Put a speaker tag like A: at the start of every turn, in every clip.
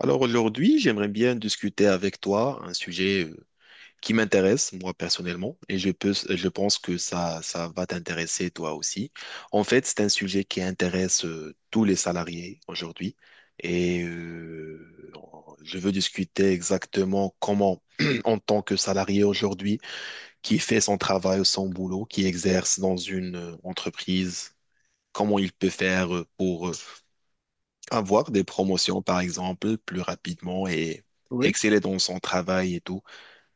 A: Alors aujourd'hui, j'aimerais bien discuter avec toi un sujet qui m'intéresse, moi personnellement, et je pense que ça va t'intéresser toi aussi. En fait, c'est un sujet qui intéresse tous les salariés aujourd'hui, et euh, je veux discuter exactement comment, en tant que salarié aujourd'hui, qui fait son travail ou son boulot, qui exerce dans une entreprise, comment il peut faire pour avoir des promotions, par exemple, plus rapidement et
B: Oui,
A: exceller dans son travail et tout.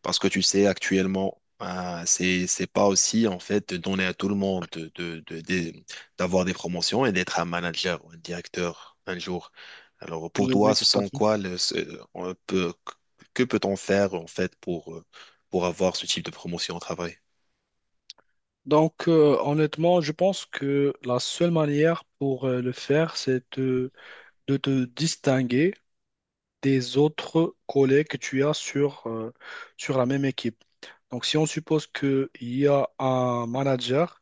A: Parce que tu sais, actuellement, c'est pas aussi, en fait, de donner à tout le monde d'avoir des promotions et d'être un manager ou un directeur un jour. Alors, pour
B: oui,
A: toi,
B: oui,
A: ce
B: tout à
A: sont
B: fait.
A: quoi le, ce- on peut, que peut-on faire, en fait, pour avoir ce type de promotion au travail?
B: Donc, honnêtement, je pense que la seule manière pour le faire, c'est de te distinguer des autres collègues que tu as sur, sur la même équipe. Donc, si on suppose qu'il y a un manager.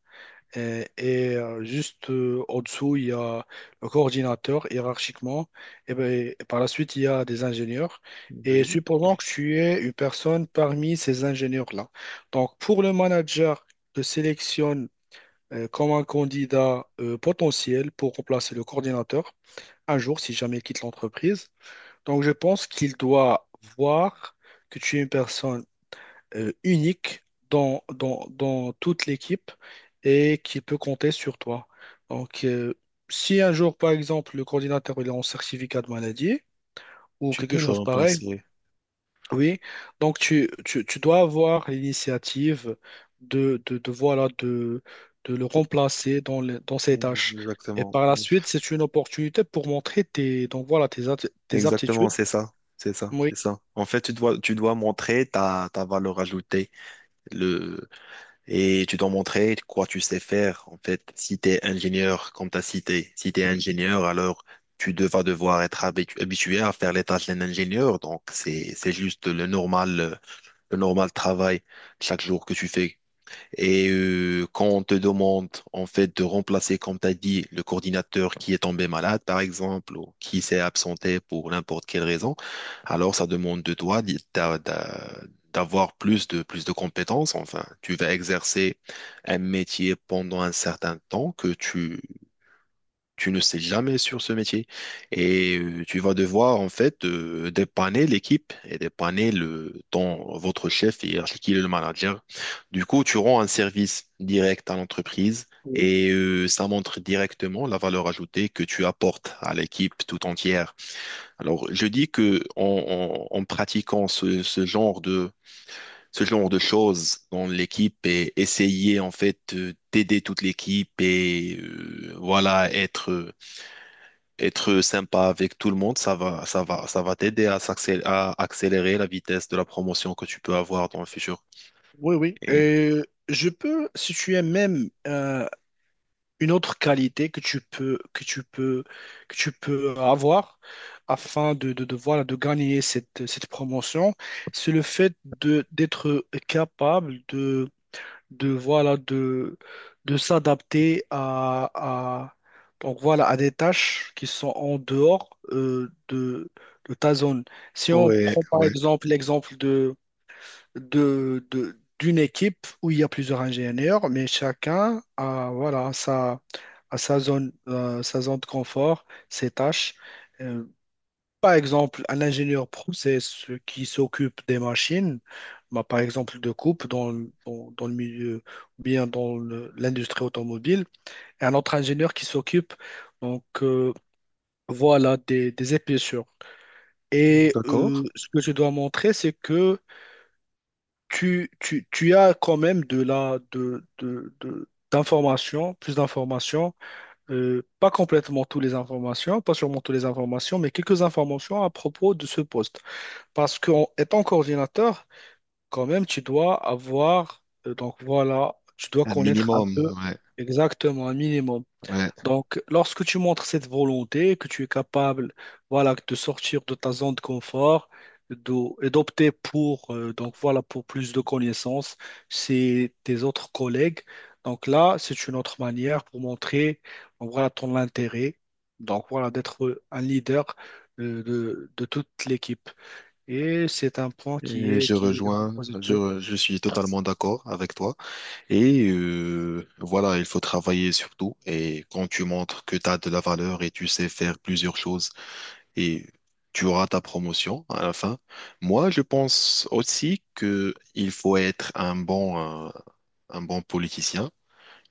B: Juste au-dessous, il y a le coordinateur hiérarchiquement. Et, ben, et par la suite, il y a des ingénieurs. Et
A: Oui,
B: supposons que tu es une personne parmi ces ingénieurs-là. Donc, pour le manager te sélectionne comme un candidat potentiel pour remplacer le coordinateur un jour, si jamais il quitte l'entreprise. Donc, je pense qu'il doit voir que tu es une personne unique dans, dans, toute l'équipe et qui peut compter sur toi. Donc, si un jour, par exemple, le coordinateur il est en certificat de maladie ou
A: tu
B: quelque
A: peux le
B: chose pareil,
A: remplacer.
B: oui, donc tu dois avoir l'initiative de, voilà, de le remplacer dans, dans ses
A: Mm.
B: tâches. Et
A: Exactement.
B: par la suite, c'est une opportunité pour montrer tes, donc voilà, tes, tes
A: Exactement,
B: aptitudes.
A: c'est ça. C'est ça,
B: Oui,
A: c'est ça. En fait, tu dois montrer ta valeur ajoutée, le, et tu dois montrer quoi tu sais faire. En fait, si tu es ingénieur, comme tu as cité, si tu es ingénieur, alors vas devoir être habitué à faire les tâches d'un ingénieur. Donc, c'est juste le normal travail chaque jour que tu fais. Quand on te demande en fait de remplacer, comme tu as dit, le coordinateur qui est tombé malade, par exemple, ou qui s'est absenté pour n'importe quelle raison, alors ça demande de toi d'avoir plus de compétences. Enfin, tu vas exercer un métier pendant un certain temps que tu ne sais jamais sur ce métier tu vas devoir en fait dépanner l'équipe et dépanner le ton votre chef et qui est le manager. Du coup, tu rends un service direct à l'entreprise
B: oui,
A: ça montre directement la valeur ajoutée que tu apportes à l'équipe tout entière. Alors, je dis que en pratiquant ce genre de choses dans l'équipe et essayer en fait d'aider toute l'équipe voilà être être sympa avec tout le monde, ça va t'aider à à accélérer la vitesse de la promotion que tu peux avoir dans le futur.
B: oui. oui.
A: Et...
B: Et je peux, si tu es même une autre qualité que tu peux, que tu peux avoir afin de, voilà, de gagner cette promotion, c'est le fait de, d'être capable de, voilà, de s'adapter à, donc voilà, à des tâches qui sont en dehors de ta zone. Si on
A: Ouais,
B: prend par
A: ouais,
B: exemple l'exemple d'une équipe où il y a plusieurs ingénieurs, mais chacun a, voilà, sa, a sa zone de confort, ses tâches. Euh, Par exemple, un ingénieur process qui s'occupe des machines, bah, par exemple de coupe dans, dans, dans le milieu ou bien dans l'industrie automobile, et un autre ingénieur qui s'occupe donc voilà des épaisseurs. Et
A: d'accord.
B: ce que je dois montrer, c'est que tu as quand même de la, d'informations, plus d'informations, pas complètement toutes les informations, pas sûrement toutes les informations, mais quelques informations à propos de ce poste. Parce qu'en étant coordinateur, quand même, tu dois avoir, donc voilà, tu dois
A: Un
B: connaître un
A: minimum,
B: peu
A: ouais,
B: exactement, un minimum.
A: ouais.
B: Donc, lorsque tu montres cette volonté, que tu es capable, voilà, de sortir de ta zone de confort et d'opter pour, donc voilà, pour plus de connaissances, c'est tes autres collègues. Donc là, c'est une autre manière pour montrer, donc voilà, ton intérêt. Donc voilà, d'être un leader de toute l'équipe. Et c'est un point qui
A: Et
B: est,
A: je
B: qui est vraiment
A: rejoins,
B: positif.
A: je suis totalement d'accord avec toi. Voilà, il faut travailler sur tout. Et quand tu montres que tu as de la valeur et tu sais faire plusieurs choses et tu auras ta promotion à la fin. Moi, je pense aussi que il faut être euh, un bon politicien.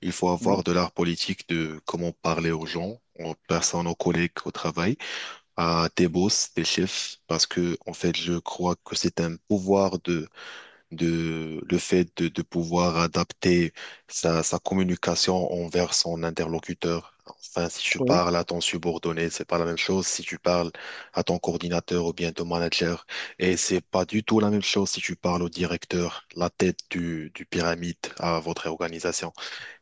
A: Il faut
B: Oui,
A: avoir de l'art politique de comment parler aux gens, aux personnes, aux collègues au travail, à tes boss, tes chefs, parce que, en fait, je crois que c'est un pouvoir le fait de pouvoir adapter sa communication envers son interlocuteur. Enfin, si tu
B: oui,
A: parles à ton subordonné, c'est pas la même chose si tu parles à ton coordinateur ou bien ton manager. Et c'est pas du tout la même chose si tu parles au directeur, la tête du pyramide à votre organisation.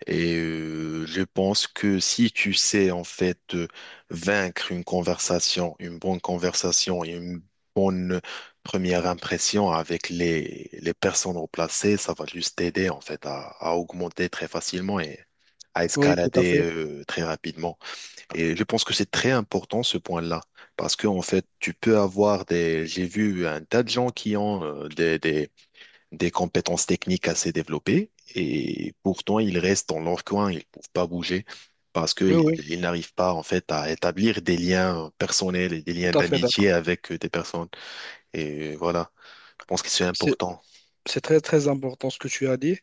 A: Je pense que si tu sais en fait vaincre une conversation, une bonne conversation et une bonne première impression avec les personnes remplacées, ça va juste t'aider en fait à augmenter très facilement et à
B: oui, tout à
A: escalader
B: fait.
A: très rapidement. Et je pense que c'est très important ce point-là parce que en fait tu peux avoir des, j'ai vu un tas de gens qui ont des compétences techniques assez développées et pourtant ils restent dans leur coin, ils ne peuvent pas bouger parce
B: Oui,
A: qu'
B: oui,
A: ils n'arrivent pas en fait à établir des liens personnels et des liens
B: tout à fait
A: d'amitié
B: d'accord.
A: avec des personnes. Et voilà, je pense que c'est
B: C'est,
A: important.
B: c'est très, très important ce que tu as dit.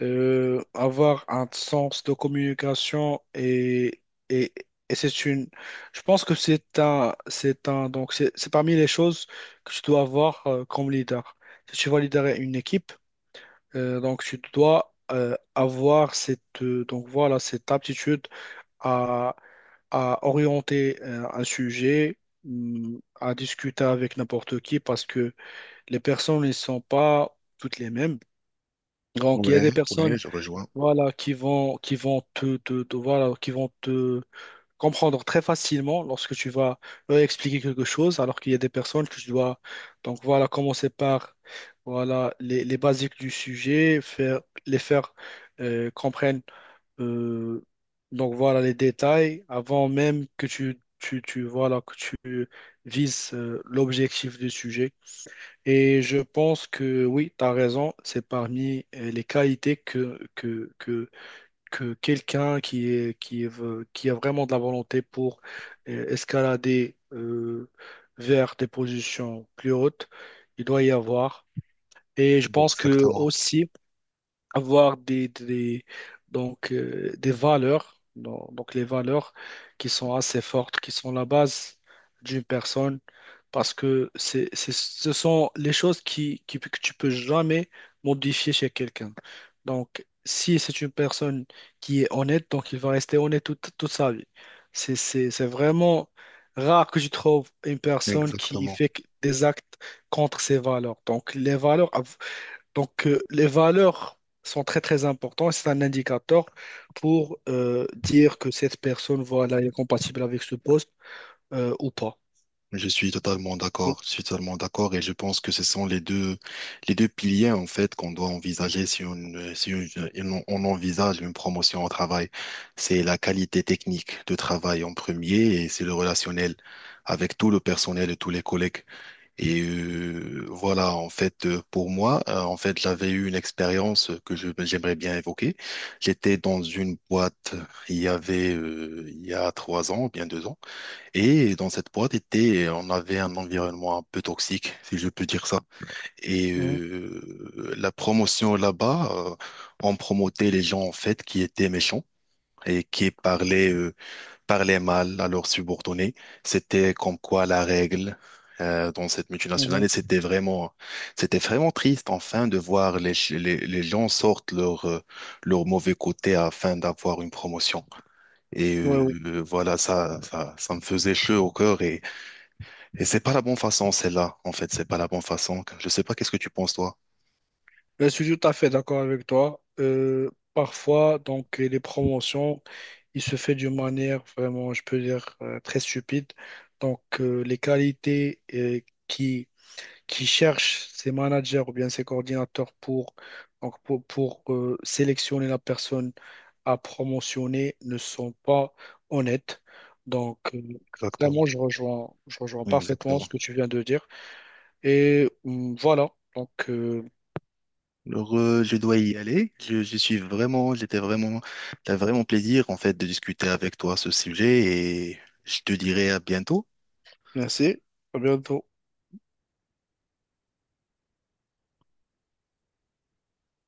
B: Avoir un sens de communication et, et c'est une je pense que c'est un donc c'est parmi les choses que tu dois avoir comme leader. Si tu vas leader une équipe, donc tu dois avoir cette donc voilà cette aptitude à à orienter un sujet, à discuter avec n'importe qui parce que les personnes ne sont pas toutes les mêmes. Donc, il y a
A: Ouais,
B: des
A: ouais,
B: personnes
A: je rejoins.
B: voilà, qui vont te, te- te- voilà, qui vont te comprendre très facilement lorsque tu vas leur expliquer quelque chose, alors qu'il y a des personnes que je dois, donc voilà, commencer par, voilà, les basiques du sujet, faire, les faire comprendre, euh, donc voilà, les détails avant même que tu voilà, que tu vises l'objectif du sujet. Et je pense que oui, tu as raison, c'est parmi les qualités que quelqu'un qui a vraiment de la volonté pour escalader vers des positions plus hautes, il doit y avoir. Et je pense que
A: Exactement,
B: aussi, avoir donc, des valeurs, donc les valeurs qui sont assez fortes, qui sont la base d'une personne, parce que ce sont les choses que tu peux jamais modifier chez quelqu'un. Donc, si c'est une personne qui est honnête, donc il va rester honnête toute, toute sa vie. C'est vraiment rare que je trouve une personne qui
A: exactement.
B: fait des actes contre ses valeurs. Donc, les valeurs, donc, les valeurs sont très, très importantes. C'est un indicateur pour dire que cette personne, voilà, elle est compatible avec ce poste ou pas.
A: Je suis totalement
B: Oui,
A: d'accord, je suis totalement d'accord et je pense que ce sont les deux piliers en fait qu'on doit envisager si on, on envisage une promotion au travail. C'est la qualité technique de travail en premier et c'est le relationnel avec tout le personnel et tous les collègues. Pour moi, j'avais eu une expérience que j'aimerais bien évoquer. J'étais dans une boîte, il y avait, il y a 3 ans, bien 2 ans. Et dans cette boîte était, on avait un environnement un peu toxique, si je peux dire ça.
B: mhm,
A: La promotion là-bas, on promotait les gens en fait qui étaient méchants et qui parlaient, parlaient mal à leurs subordonnés. C'était comme quoi la règle dans cette multinationale.
B: mhm.
A: Et c'était vraiment triste enfin de voir les gens sortent leur, leur mauvais côté afin d'avoir une promotion.
B: Oui, oui.
A: Ça me faisait chaud au cœur. Et c'est pas la bonne façon, celle-là. En fait, c'est pas la bonne façon. Je sais pas qu'est-ce que tu penses, toi.
B: Je suis tout à fait d'accord avec toi. Parfois, donc, les promotions, il se fait d'une manière vraiment, je peux dire, très stupide. Donc, les qualités qui cherchent ses managers ou bien ses coordinateurs pour, donc pour, sélectionner la personne à promotionner ne sont pas honnêtes. Donc, vraiment,
A: Exactement.
B: je rejoins parfaitement ce
A: Exactement.
B: que tu viens de dire. Et voilà, donc
A: Alors, je dois y aller. J'étais vraiment, t'as vraiment plaisir, en fait, de discuter avec toi ce sujet et je te dirai à bientôt.
B: merci, à bientôt.